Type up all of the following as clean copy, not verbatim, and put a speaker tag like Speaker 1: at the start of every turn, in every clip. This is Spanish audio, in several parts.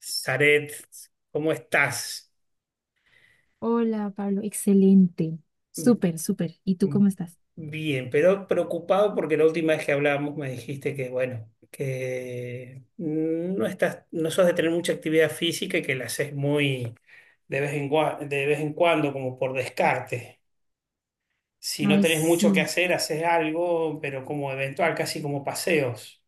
Speaker 1: Zaret, ¿cómo estás?
Speaker 2: Hola, Pablo, excelente. Súper, súper. ¿Y tú cómo estás?
Speaker 1: Bien, pero preocupado porque la última vez que hablábamos me dijiste que, bueno, que no sos de tener mucha actividad física y que la haces muy de vez en cuando, como por descarte. Si no
Speaker 2: Ay,
Speaker 1: tenés mucho que
Speaker 2: sí.
Speaker 1: hacer, haces algo, pero como eventual, casi como paseos.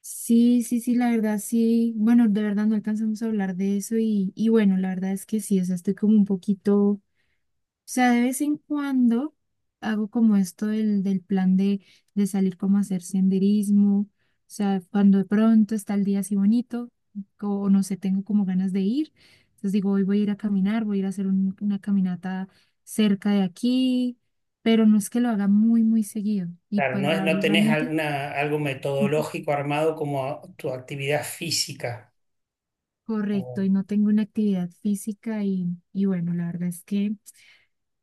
Speaker 2: Sí, sí, sí, la verdad, sí. Bueno, de verdad no alcanzamos a hablar de eso y bueno, la verdad es que sí, o sea, estoy como un poquito. Sea, de vez en cuando hago como esto del plan de salir como a hacer senderismo, o sea, cuando de pronto está el día así bonito, o no sé, tengo como ganas de ir, entonces digo, hoy voy a ir a caminar, voy a ir a hacer una caminata cerca de aquí, pero no es que lo haga muy, muy seguido, y
Speaker 1: Claro,
Speaker 2: pues
Speaker 1: no tenés
Speaker 2: realmente.
Speaker 1: alguna, algo
Speaker 2: Ujú,
Speaker 1: metodológico armado como tu actividad física.
Speaker 2: correcto, y no tengo una actividad física, y bueno, la verdad es que.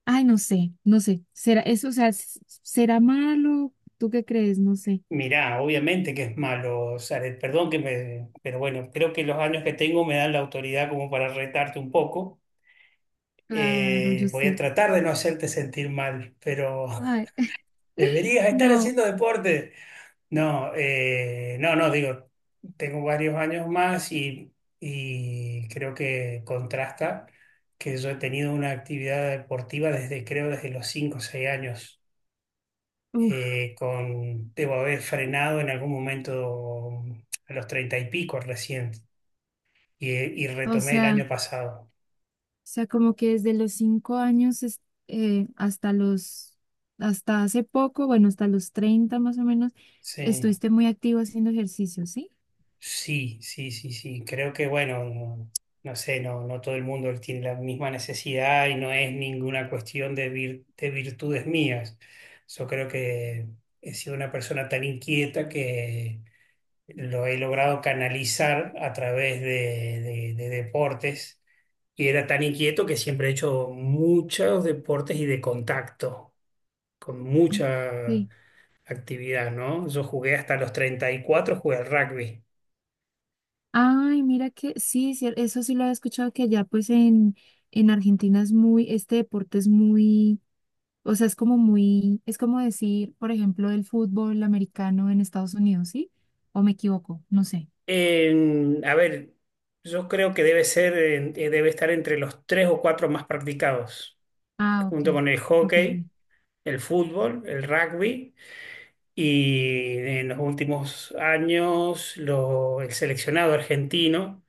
Speaker 2: Ay, no sé, no sé. ¿Será eso, o sea, será malo? ¿Tú qué crees? No sé.
Speaker 1: Mirá, obviamente que es malo, Zaret, perdón que me, pero bueno, creo que los años que tengo me dan la autoridad como para retarte un poco.
Speaker 2: Claro, yo
Speaker 1: Voy a
Speaker 2: sé.
Speaker 1: tratar de no hacerte sentir mal, pero
Speaker 2: Ay,
Speaker 1: deberías estar
Speaker 2: no.
Speaker 1: haciendo deporte. No, digo, tengo varios años más y creo que contrasta que yo he tenido una actividad deportiva desde, creo, desde los 5 o 6 años
Speaker 2: Uf,
Speaker 1: con, debo haber frenado en algún momento a los treinta y pico recién y
Speaker 2: o
Speaker 1: retomé el año
Speaker 2: sea, o
Speaker 1: pasado.
Speaker 2: sea, como que desde los 5 años hasta hasta hace poco, bueno, hasta los 30 más o menos,
Speaker 1: Sí,
Speaker 2: estuviste muy activo haciendo ejercicio, ¿sí?
Speaker 1: sí, sí, sí, sí. Creo que, bueno, no, no sé, no todo el mundo tiene la misma necesidad y no es ninguna cuestión de, de virtudes mías. Yo creo que he sido una persona tan inquieta que lo he logrado canalizar a través de deportes y era tan inquieto que siempre he hecho muchos deportes y de contacto, con mucha
Speaker 2: Sí.
Speaker 1: actividad, ¿no? Yo jugué hasta los 34 jugué al rugby.
Speaker 2: Ay, mira que sí, sí, eso sí lo había escuchado que allá pues en Argentina es muy. Este deporte es muy. O sea, es como muy, es como decir, por ejemplo, el fútbol americano en Estados Unidos, ¿sí? ¿O me equivoco? No sé.
Speaker 1: A ver, yo creo que debe ser, debe estar entre los tres o cuatro más practicados,
Speaker 2: Ah, ok,
Speaker 1: junto con el
Speaker 2: ok.
Speaker 1: hockey,
Speaker 2: Ok.
Speaker 1: el fútbol, el rugby. Y en los últimos años, el seleccionado argentino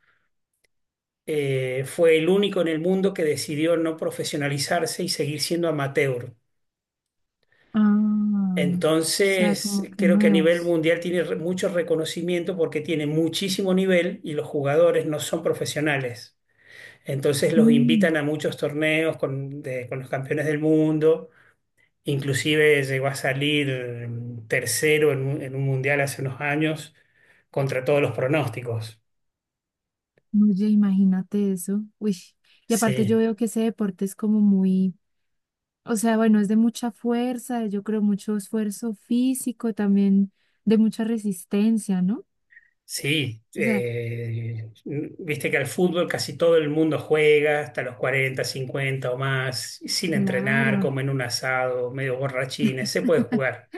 Speaker 1: fue el único en el mundo que decidió no profesionalizarse y seguir siendo amateur.
Speaker 2: Ah, o sea,
Speaker 1: Entonces,
Speaker 2: como que
Speaker 1: creo que a nivel
Speaker 2: nuevos.
Speaker 1: mundial tiene mucho reconocimiento porque tiene muchísimo nivel y los jugadores no son profesionales. Entonces los
Speaker 2: Mm,
Speaker 1: invitan a muchos torneos con los campeones del mundo. Inclusive llegó a salir tercero en en un mundial hace unos años contra todos los pronósticos.
Speaker 2: oye, imagínate eso. Uy. Y aparte yo
Speaker 1: Sí,
Speaker 2: veo que ese deporte es como muy, o sea, bueno, es de mucha fuerza, yo creo, mucho esfuerzo físico, también de mucha resistencia, ¿no?
Speaker 1: sí.
Speaker 2: O sea,
Speaker 1: Viste que al fútbol casi todo el mundo juega hasta los 40 50 o más, sin entrenar,
Speaker 2: claro,
Speaker 1: comen un asado, medio borrachines, se puede jugar.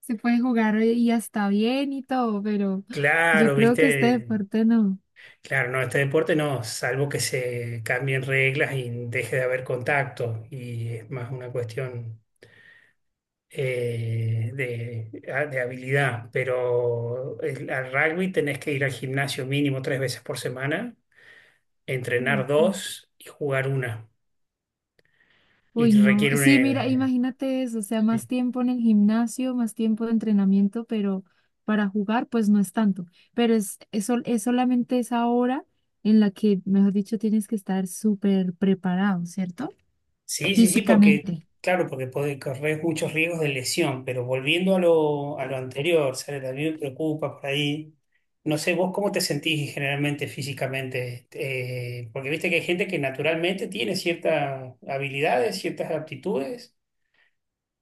Speaker 2: se puede jugar y hasta bien y todo, pero yo
Speaker 1: Claro,
Speaker 2: creo que este
Speaker 1: viste,
Speaker 2: deporte no.
Speaker 1: claro, no, este deporte no, salvo que se cambien reglas y deje de haber contacto y es más una cuestión de habilidad, pero al rugby tenés que ir al gimnasio mínimo tres veces por semana, entrenar
Speaker 2: Mm.
Speaker 1: dos y jugar una. Y
Speaker 2: Uy,
Speaker 1: te
Speaker 2: no.
Speaker 1: requiere un...
Speaker 2: Sí, mira, imagínate eso, o sea, más
Speaker 1: sí,
Speaker 2: tiempo en el gimnasio, más tiempo de entrenamiento, pero para jugar, pues no es tanto. Pero es solamente esa hora en la que, mejor dicho, tienes que estar súper preparado, ¿cierto?
Speaker 1: sí, sí, sí, porque,
Speaker 2: Físicamente.
Speaker 1: claro, porque puede correr muchos riesgos de lesión, pero volviendo a a lo anterior, ¿sabes? A mí me preocupa por ahí. No sé, vos cómo te sentís generalmente físicamente. Porque viste que hay gente que naturalmente tiene ciertas habilidades, ciertas aptitudes,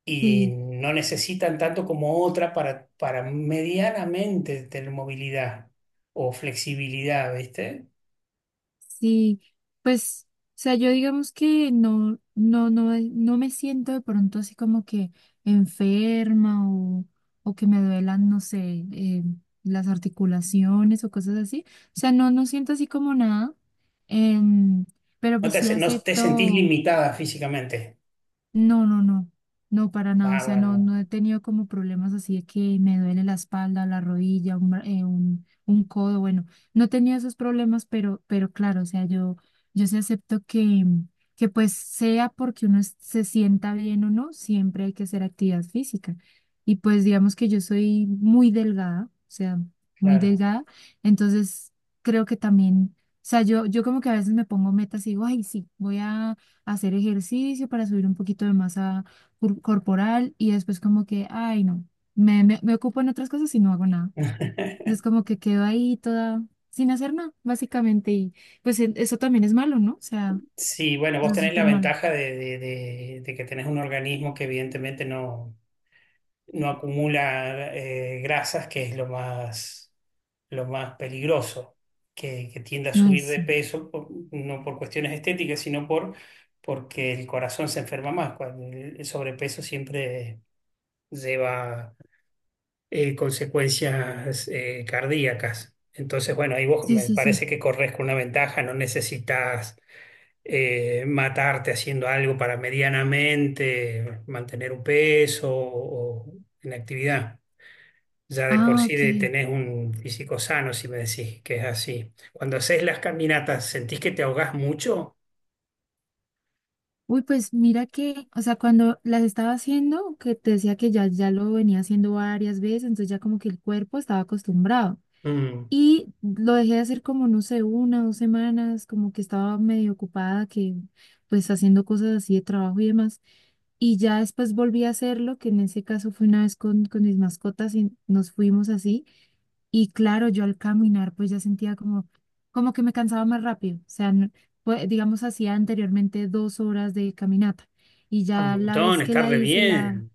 Speaker 1: y
Speaker 2: Sí.
Speaker 1: no necesitan tanto como otra para medianamente tener movilidad o flexibilidad, ¿viste?
Speaker 2: Sí, pues, o sea, yo digamos que no, no, no, no me siento de pronto así como que enferma, o que me duelan, no sé, las articulaciones o cosas así. O sea, no siento así como nada, em, pero pues sí
Speaker 1: No te sentís
Speaker 2: acepto.
Speaker 1: limitada físicamente.
Speaker 2: No, no, no, no, para nada. O
Speaker 1: Ah,
Speaker 2: sea, no,
Speaker 1: bueno,
Speaker 2: no he tenido como problemas así de que me duele la espalda, la rodilla, un codo. Bueno, no he tenido esos problemas, pero claro, o sea, yo sí acepto que pues sea porque uno se sienta bien o no, siempre hay que hacer actividad física. Y pues digamos que yo soy muy delgada, o sea, muy
Speaker 1: claro.
Speaker 2: delgada. Entonces creo que también, o sea, yo como que a veces me pongo metas y digo, ay, sí, voy a hacer ejercicio para subir un poquito de masa corporal, y después como que, ay, no, me ocupo en otras cosas y no hago nada. Entonces como que quedo ahí toda sin hacer nada, básicamente. Y pues eso también es malo, ¿no? O sea,
Speaker 1: Sí, bueno,
Speaker 2: eso
Speaker 1: vos
Speaker 2: es
Speaker 1: tenés la
Speaker 2: súper malo.
Speaker 1: ventaja de que tenés un organismo que evidentemente no acumula grasas, que es lo más peligroso, que tiende a
Speaker 2: Ay,
Speaker 1: subir de
Speaker 2: sí.
Speaker 1: peso, no por cuestiones estéticas, sino por, porque el corazón se enferma más. Cuando el sobrepeso siempre lleva consecuencias cardíacas. Entonces, bueno, ahí vos
Speaker 2: Sí,
Speaker 1: me
Speaker 2: sí, sí.
Speaker 1: parece que corres con una ventaja, no necesitas matarte haciendo algo para medianamente mantener un peso o en actividad. Ya de por
Speaker 2: Ah,
Speaker 1: sí
Speaker 2: ok.
Speaker 1: de, tenés un físico sano, si me decís que es así. Cuando haces las caminatas, ¿sentís que te ahogás mucho?
Speaker 2: Uy, pues mira que, o sea, cuando las estaba haciendo, que te decía que ya lo venía haciendo varias veces, entonces ya como que el cuerpo estaba acostumbrado.
Speaker 1: Mm,
Speaker 2: Y lo dejé de hacer como, no sé, una, 2 semanas, como que estaba medio ocupada, que pues haciendo cosas así de trabajo y demás. Y ya después volví a hacerlo, que en ese caso fue una vez con mis mascotas y nos fuimos así. Y claro, yo al caminar pues ya sentía como que me cansaba más rápido. O sea, pues, digamos, hacía anteriormente 2 horas de caminata. Y
Speaker 1: un
Speaker 2: ya la
Speaker 1: montón,
Speaker 2: vez que
Speaker 1: está
Speaker 2: la
Speaker 1: re
Speaker 2: hice, la.
Speaker 1: bien.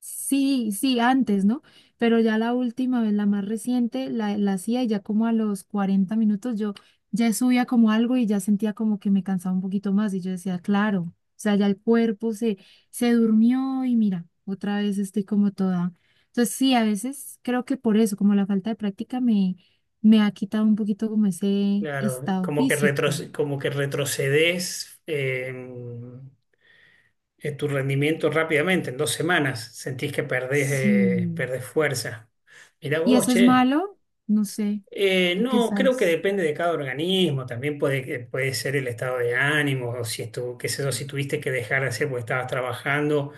Speaker 2: Sí, sí, antes, ¿no? Pero ya la última vez, la más reciente, la hacía y ya como a los 40 minutos yo ya subía como algo y ya sentía como que me cansaba un poquito más y yo decía, claro, o sea, ya el cuerpo se durmió y mira, otra vez estoy como toda. Entonces sí, a veces creo que por eso, como la falta de práctica me ha quitado un poquito como ese
Speaker 1: Claro,
Speaker 2: estado
Speaker 1: como que,
Speaker 2: físico.
Speaker 1: como que retrocedes en tu rendimiento rápidamente, en dos semanas. Sentís que perdés,
Speaker 2: Sí.
Speaker 1: perdés fuerza. Mirá
Speaker 2: ¿Y
Speaker 1: vos,
Speaker 2: eso es
Speaker 1: che.
Speaker 2: malo? No sé, ¿tú qué
Speaker 1: No, creo que
Speaker 2: sabes?
Speaker 1: depende de cada organismo, también puede ser el estado de ánimo, o si estuvo qué sé yo, si tuviste que dejar de hacer porque estabas trabajando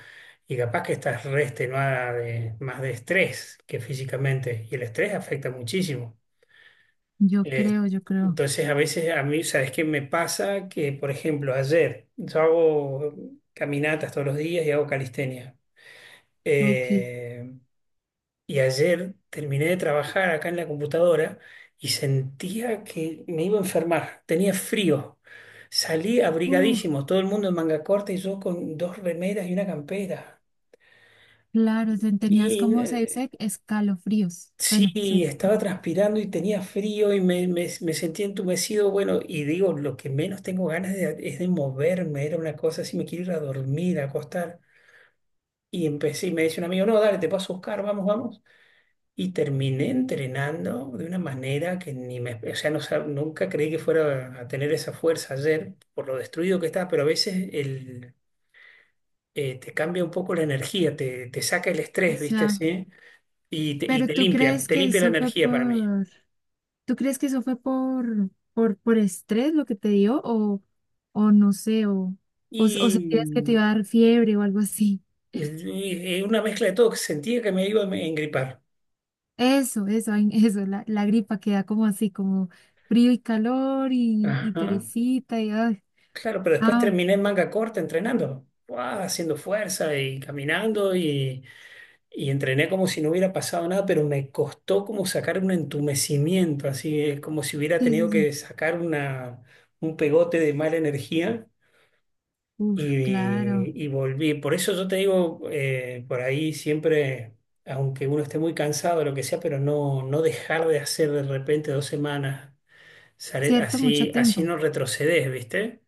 Speaker 1: y capaz que estás re extenuada de, más de estrés que físicamente, y el estrés afecta muchísimo.
Speaker 2: Yo
Speaker 1: Eh,
Speaker 2: creo, yo creo.
Speaker 1: entonces, a veces a mí, ¿sabes qué me pasa? Que, por ejemplo, ayer yo hago caminatas todos los días y hago calistenia.
Speaker 2: Ok.
Speaker 1: Eh, y ayer terminé de trabajar acá en la computadora y sentía que me iba a enfermar. Tenía frío. Salí
Speaker 2: Uh,
Speaker 1: abrigadísimo, todo el mundo en manga corta y yo con dos remeras y una campera.
Speaker 2: claro, tenías,
Speaker 1: Y
Speaker 2: como se dice, escalofríos. Bueno,
Speaker 1: sí,
Speaker 2: sí.
Speaker 1: estaba transpirando y tenía frío y me sentía entumecido. Bueno, y digo, lo que menos tengo ganas es de moverme. Era una cosa así, me quiero ir a dormir, a acostar. Y empecé y me dice un amigo, no, dale, te paso a buscar, vamos, vamos. Y terminé entrenando de una manera que ni me, o sea, no, nunca creí que fuera a tener esa fuerza ayer por lo destruido que estaba, pero a veces te cambia un poco la energía, te saca el
Speaker 2: O
Speaker 1: estrés, ¿viste?
Speaker 2: sea,
Speaker 1: Así, y
Speaker 2: pero ¿tú crees
Speaker 1: te
Speaker 2: que
Speaker 1: limpia la
Speaker 2: eso fue
Speaker 1: energía para mí.
Speaker 2: tú crees que eso fue por estrés lo que te dio, o no sé, o sentías que te
Speaker 1: Y,
Speaker 2: iba a dar fiebre o algo así?
Speaker 1: y una mezcla de todo, que sentía que me iba a engripar.
Speaker 2: Eso, ay, eso, la gripa queda como así, como frío y calor y
Speaker 1: Ajá.
Speaker 2: perecita y, ay,
Speaker 1: Claro, pero después
Speaker 2: ah,
Speaker 1: terminé en manga corta entrenando, ¡guau!, haciendo fuerza y caminando. Y entrené como si no hubiera pasado nada, pero me costó como sacar un entumecimiento, así como si hubiera
Speaker 2: sí, sí,
Speaker 1: tenido
Speaker 2: sí.
Speaker 1: que sacar una, un pegote de mala energía
Speaker 2: Uf, claro.
Speaker 1: y volví. Por eso yo te digo, por ahí siempre, aunque uno esté muy cansado, lo que sea, pero no dejar de hacer de repente dos semanas,
Speaker 2: Cierto, mucho
Speaker 1: así, así
Speaker 2: tiempo.
Speaker 1: no retrocedes, ¿viste?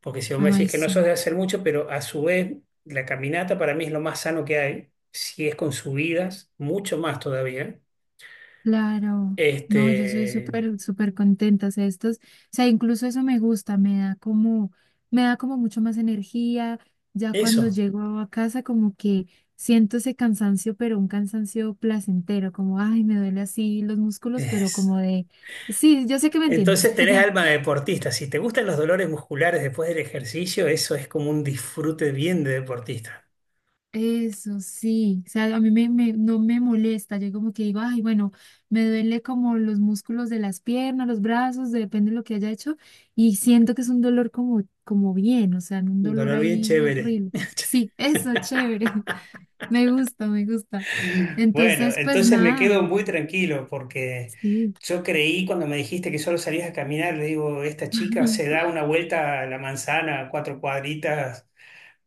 Speaker 1: Porque si vos me
Speaker 2: Ay,
Speaker 1: decís que no
Speaker 2: sí.
Speaker 1: sos de hacer mucho, pero a su vez la caminata para mí es lo más sano que hay, si es con subidas, mucho más todavía.
Speaker 2: Claro, no, yo soy
Speaker 1: Este,
Speaker 2: súper, súper contenta, o sea, estos, o sea, incluso eso me gusta, me da como mucho más energía, ya cuando
Speaker 1: eso
Speaker 2: llego a casa como que siento ese cansancio, pero un cansancio placentero, como, ay, me duele así los músculos, pero
Speaker 1: es.
Speaker 2: como de. Sí, yo sé que me entiendes.
Speaker 1: Entonces tenés alma de deportista. Si te gustan los dolores musculares después del ejercicio, eso es como un disfrute bien de deportista.
Speaker 2: Eso sí, o sea, a mí no me molesta, yo como que digo, ay, bueno, me duele como los músculos de las piernas, los brazos, depende de lo que haya hecho, y siento que es un dolor como bien, o sea, no un
Speaker 1: Un
Speaker 2: dolor
Speaker 1: dolor bien
Speaker 2: ahí
Speaker 1: chévere.
Speaker 2: horrible. Sí, eso, chévere, me gusta, me gusta.
Speaker 1: Bueno,
Speaker 2: Entonces, pues
Speaker 1: entonces me
Speaker 2: nada,
Speaker 1: quedo muy tranquilo porque
Speaker 2: sí.
Speaker 1: yo creí cuando me dijiste que solo salías a caminar, le digo, esta chica se da una vuelta a la manzana, cuatro cuadritas,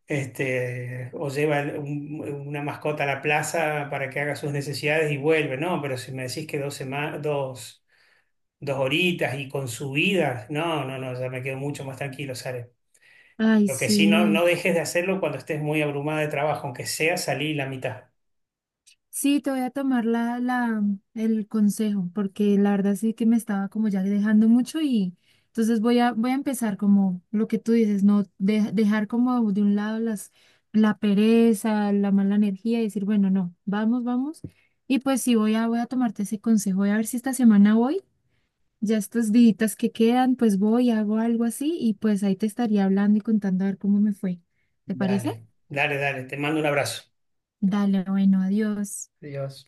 Speaker 1: este, o lleva una mascota a la plaza para que haga sus necesidades y vuelve. No, pero si me decís que dos horitas y con subidas, no, no, no, ya me quedo mucho más tranquilo, Sare.
Speaker 2: Ay,
Speaker 1: Lo que
Speaker 2: sí,
Speaker 1: sí,
Speaker 2: no.
Speaker 1: no dejes de hacerlo cuando estés muy abrumada de trabajo, aunque sea salir la mitad.
Speaker 2: Sí, te voy a tomar el consejo, porque la verdad sí que me estaba como ya dejando mucho y entonces voy a, empezar como lo que tú dices, no dejar como de un lado la pereza, la mala energía y decir, bueno, no, vamos, vamos. Y pues sí, voy a tomarte ese consejo, voy a ver si esta semana voy, ya estos días que quedan, pues voy, hago algo así y pues ahí te estaría hablando y contando a ver cómo me fue. ¿Te parece?
Speaker 1: Dale. Dale, dale, te mando un abrazo.
Speaker 2: Dale, bueno, adiós.
Speaker 1: Adiós.